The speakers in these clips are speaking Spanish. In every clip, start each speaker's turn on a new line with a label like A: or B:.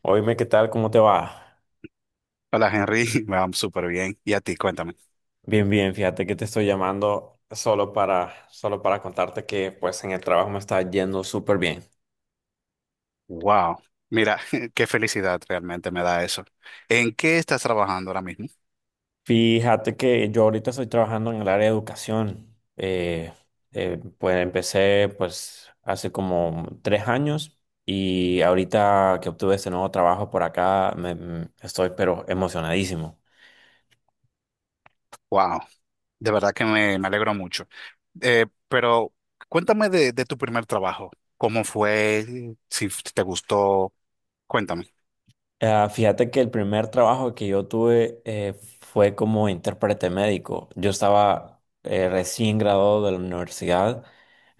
A: Oíme, ¿qué tal? ¿Cómo te va?
B: Hola Henry, me va súper bien. ¿Y a ti? Cuéntame.
A: Bien, bien, fíjate que te estoy llamando solo para contarte que pues en el trabajo me está yendo súper bien.
B: Wow, mira, qué felicidad realmente me da eso. ¿En qué estás trabajando ahora mismo?
A: Fíjate que yo ahorita estoy trabajando en el área de educación. Pues empecé pues hace como 3 años y ahorita que obtuve este nuevo trabajo por acá estoy pero emocionadísimo.
B: Wow, de verdad que me alegro mucho. Pero cuéntame de tu primer trabajo. ¿Cómo fue? Si te gustó, cuéntame.
A: Ah, fíjate que el primer trabajo que yo tuve fue como intérprete médico. Yo estaba recién graduado de la universidad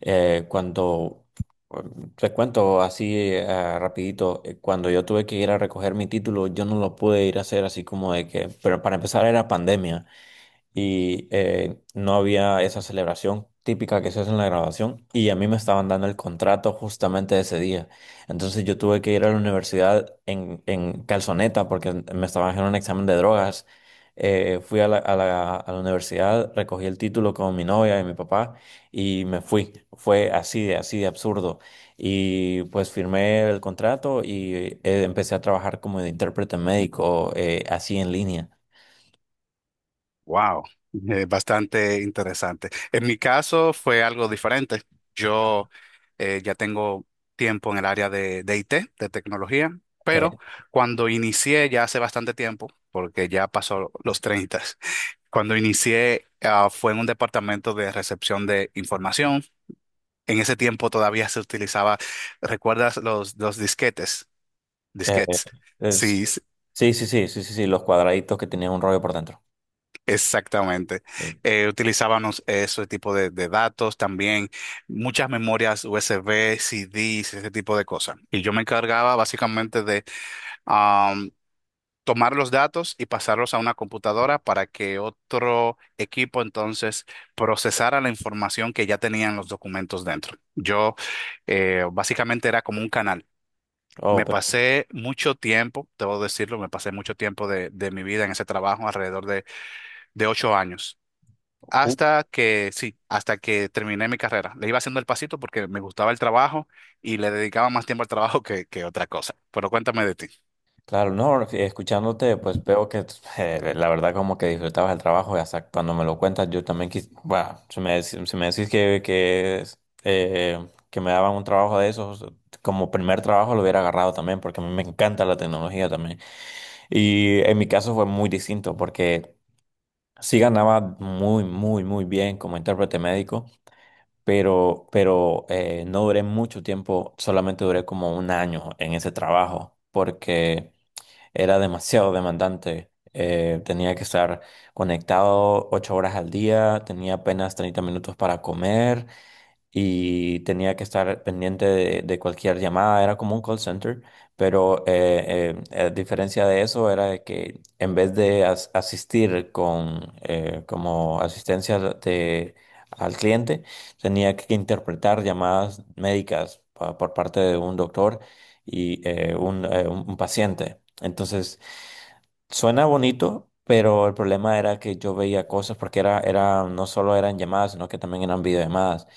A: eh, cuando, te cuento así rapidito. Cuando yo tuve que ir a recoger mi título, yo no lo pude ir a hacer así como de que, pero para empezar era pandemia y no había esa celebración típica que se hace en la grabación, y a mí me estaban dando el contrato justamente ese día. Entonces yo tuve que ir a la universidad en calzoneta porque me estaban haciendo un examen de drogas. Fui a la universidad, recogí el título con mi novia y mi papá y me fui. Fue así de absurdo. Y pues firmé el contrato y empecé a trabajar como de intérprete médico, así en línea.
B: Wow, bastante interesante. En mi caso fue algo diferente. Yo ya tengo tiempo en el área de IT, de tecnología,
A: Eh,
B: pero cuando inicié ya hace bastante tiempo, porque ya pasó los 30, cuando inicié fue en un departamento de recepción de información. En ese tiempo todavía se utilizaba, ¿recuerdas los disquetes?
A: eh,
B: Disquetes.
A: es-
B: Sí,
A: Sí, sí, sí, sí, sí, sí, los cuadraditos que tenían un rollo por dentro.
B: exactamente.
A: Sí.
B: Utilizábamos ese tipo de datos también, muchas memorias USB, CDs, ese tipo de cosas. Y yo me encargaba básicamente de am, tomar los datos y pasarlos a una computadora para que otro equipo entonces procesara la información que ya tenían los documentos dentro. Yo básicamente era como un canal.
A: Oh,
B: Me
A: pero
B: pasé mucho tiempo, debo decirlo, me pasé mucho tiempo de mi vida en ese trabajo, alrededor de ocho años.
A: ju-
B: Hasta que, sí, hasta que terminé mi carrera. Le iba haciendo el pasito porque me gustaba el trabajo y le dedicaba más tiempo al trabajo que otra cosa. Pero cuéntame de ti.
A: claro, no, escuchándote, pues veo que la verdad como que disfrutabas el trabajo, y hasta cuando me lo cuentas, yo también bueno, si me decís que me daban un trabajo de esos, como primer trabajo lo hubiera agarrado también, porque a mí me encanta la tecnología también. Y en mi caso fue muy distinto, porque sí ganaba muy, muy, muy bien como intérprete médico. Pero no duré mucho tiempo, solamente duré como un año en ese trabajo, porque era demasiado demandante. Tenía que estar conectado 8 horas al día, tenía apenas 30 minutos para comer y tenía que estar pendiente de cualquier llamada. Era como un call center, pero a diferencia de eso era de que en vez de asistir con como asistencia de, al cliente, tenía que interpretar llamadas médicas por parte de un doctor y un paciente. Entonces, suena bonito, pero el problema era que yo veía cosas porque no solo eran llamadas, sino que también eran videollamadas.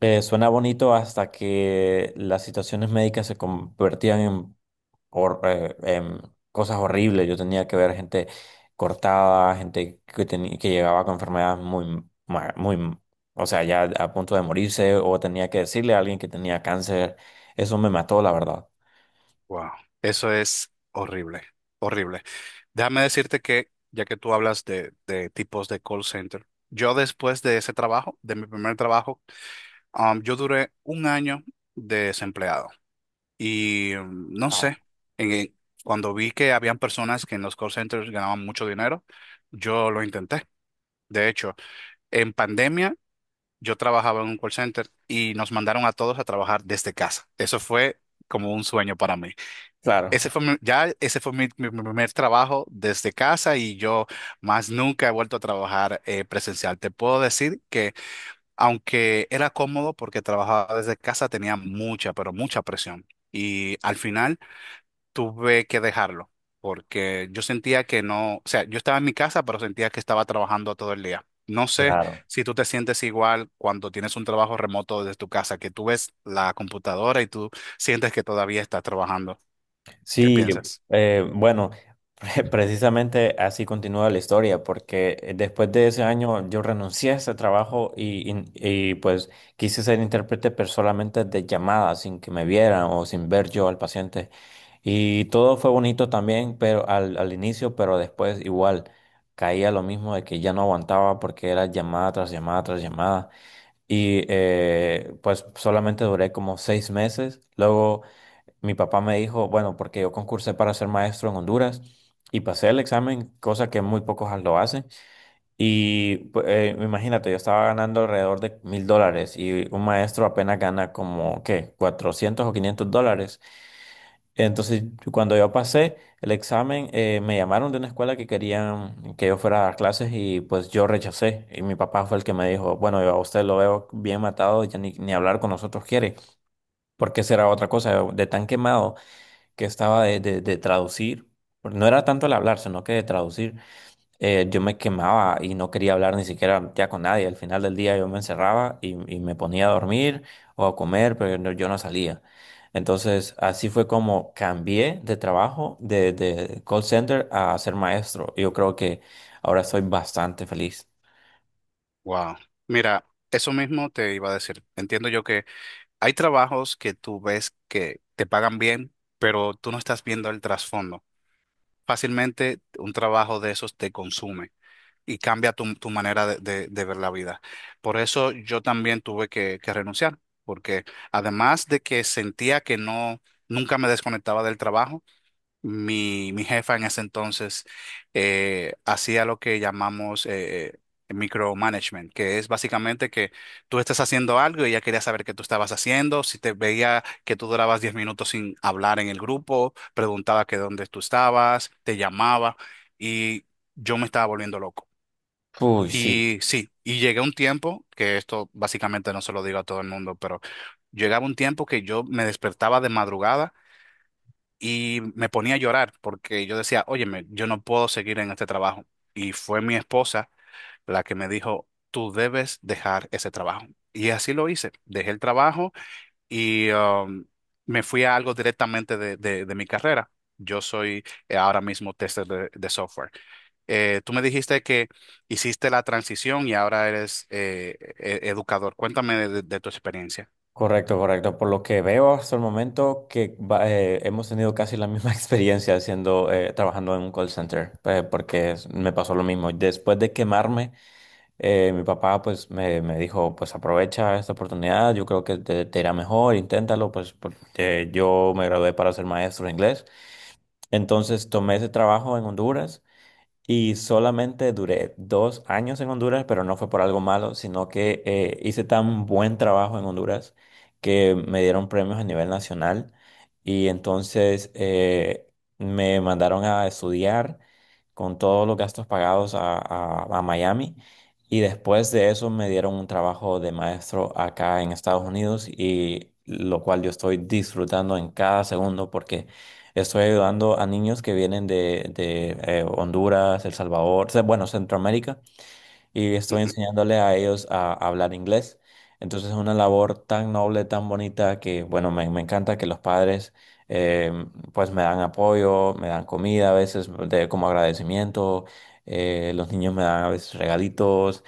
A: Suena bonito hasta que las situaciones médicas se convertían en, en cosas horribles. Yo tenía que ver gente cortada, gente que tenía, que llegaba con enfermedades muy, o sea, ya a punto de morirse, o tenía que decirle a alguien que tenía cáncer. Eso me mató, la verdad.
B: Wow, eso es horrible, horrible. Déjame decirte que, ya que tú hablas de tipos de call center, yo después de ese trabajo, de mi primer trabajo, yo duré un año desempleado. Y no sé, en- en- cuando vi que habían personas que en los call centers ganaban mucho dinero, yo lo intenté. De hecho, en pandemia, yo trabajaba en un call center y nos mandaron a todos a trabajar desde casa. Eso fue como un sueño para mí.
A: Claro.
B: Ya ese fue mi primer trabajo desde casa y yo más nunca he vuelto a trabajar presencial. Te puedo decir que aunque era cómodo porque trabajaba desde casa, tenía mucha, pero mucha presión. Y al final tuve que dejarlo porque yo sentía que no, o sea, yo estaba en mi casa, pero sentía que estaba trabajando todo el día. No sé
A: Claro.
B: si tú te sientes igual cuando tienes un trabajo remoto desde tu casa, que tú ves la computadora y tú sientes que todavía estás trabajando. ¿Qué
A: Sí,
B: piensas?
A: bueno, precisamente así continúa la historia, porque después de ese año yo renuncié a ese trabajo y, pues quise ser intérprete, pero solamente de llamada, sin que me vieran o sin ver yo al paciente. Y todo fue bonito también, pero al inicio, pero después igual caía lo mismo de que ya no aguantaba porque era llamada tras llamada tras llamada. Y pues solamente duré como 6 meses. Luego mi papá me dijo, bueno, porque yo concursé para ser maestro en Honduras y pasé el examen, cosa que muy pocos lo hacen. Y imagínate, yo estaba ganando alrededor de $1000, y un maestro apenas gana como, ¿qué? $400 o $500. Entonces, cuando yo pasé el examen, me llamaron de una escuela que querían que yo fuera a dar clases, y pues yo rechacé. Y mi papá fue el que me dijo, bueno, yo a usted lo veo bien matado, ya ni hablar con nosotros quiere, porque será otra cosa, de tan quemado que estaba de traducir. No era tanto el hablar, sino que de traducir. Yo me quemaba y no quería hablar ni siquiera ya con nadie. Al final del día yo me encerraba y me ponía a dormir o a comer, pero yo no salía. Entonces, así fue como cambié de trabajo de call center a ser maestro. Yo creo que ahora soy bastante feliz.
B: Wow. Mira, eso mismo te iba a decir. Entiendo yo que hay trabajos que tú ves que te pagan bien, pero tú no estás viendo el trasfondo. Fácilmente un trabajo de esos te consume y cambia tu manera de ver la vida. Por eso yo también tuve que renunciar, porque además de que sentía que no, nunca me desconectaba del trabajo, mi jefa en ese entonces hacía lo que llamamos micromanagement, que es básicamente que tú estás haciendo algo y ella quería saber qué tú estabas haciendo, si te veía que tú durabas 10 minutos sin hablar en el grupo, preguntaba que dónde tú estabas, te llamaba y yo me estaba volviendo loco.
A: Uy, sí.
B: Y sí, y llegué a un tiempo, que esto básicamente no se lo digo a todo el mundo, pero llegaba un tiempo que yo me despertaba de madrugada y me ponía a llorar porque yo decía, óyeme, yo no puedo seguir en este trabajo. Y fue mi esposa la que me dijo, tú debes dejar ese trabajo. Y así lo hice. Dejé el trabajo y me fui a algo directamente de, de mi carrera. Yo soy ahora mismo tester de software. Tú me dijiste que hiciste la transición y ahora eres educador. Cuéntame de tu experiencia.
A: Correcto, correcto. Por lo que veo hasta el momento que hemos tenido casi la misma experiencia haciendo, trabajando en un call center, porque me pasó lo mismo. Después de quemarme, mi papá pues me dijo, pues aprovecha esta oportunidad, yo creo que te irá mejor, inténtalo, pues porque yo me gradué para ser maestro de inglés. Entonces tomé ese trabajo en Honduras. Y solamente duré 2 años en Honduras, pero no fue por algo malo, sino que hice tan buen trabajo en Honduras que me dieron premios a nivel nacional. Y entonces me mandaron a estudiar con todos los gastos pagados a Miami, y después de eso me dieron un trabajo de maestro acá en Estados Unidos, y lo cual yo estoy disfrutando en cada segundo porque estoy ayudando a niños que vienen de Honduras, El Salvador, o sea, bueno, Centroamérica, y estoy
B: Ujú.
A: enseñándole a ellos a hablar inglés. Entonces es una labor tan noble, tan bonita, que bueno, me encanta que los padres eh, pues me dan apoyo, me dan comida a veces de, como agradecimiento, los niños me dan a veces regalitos.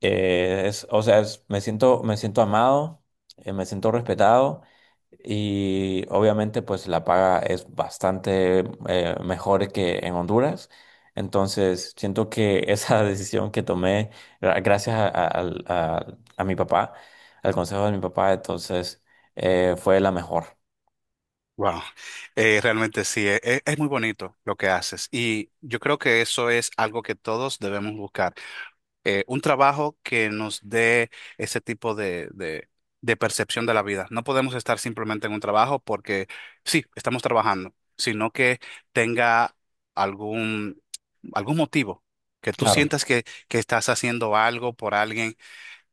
A: Es, o sea, es- Me siento, me siento amado, me siento respetado, y obviamente pues la paga es bastante mejor que en Honduras. Entonces siento que esa decisión que tomé gracias a mi papá, al consejo de mi papá, entonces fue la mejor.
B: Wow, realmente sí, es, muy bonito lo que haces y yo creo que eso es algo que todos debemos buscar, un trabajo que nos dé ese tipo de percepción de la vida. No podemos estar simplemente en un trabajo porque sí, estamos trabajando, sino que tenga algún, algún motivo, que tú
A: Claro.
B: sientas que estás haciendo algo por alguien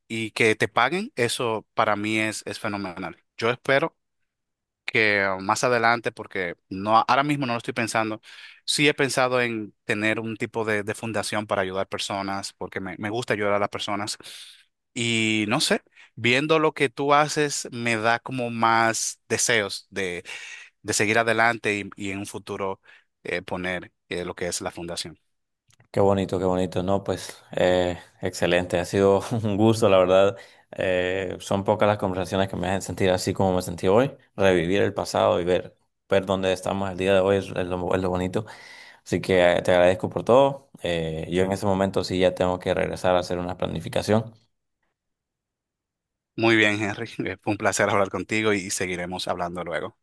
B: y que te paguen, eso para mí es fenomenal. Yo espero que más adelante, porque no, ahora mismo no lo estoy pensando, sí he pensado en tener un tipo de fundación para ayudar personas, porque me gusta ayudar a las personas. Y no sé, viendo lo que tú haces, me da como más deseos de seguir adelante y en un futuro poner lo que es la fundación.
A: Qué bonito, qué bonito. No, pues excelente. Ha sido un gusto, la verdad. Son pocas las conversaciones que me hacen sentir así como me sentí hoy. Revivir el pasado y ver, ver dónde estamos el día de hoy es lo bonito. Así que te agradezco por todo. Yo en ese momento sí ya tengo que regresar a hacer una planificación.
B: Muy bien, Henry, fue un placer hablar contigo y seguiremos hablando luego.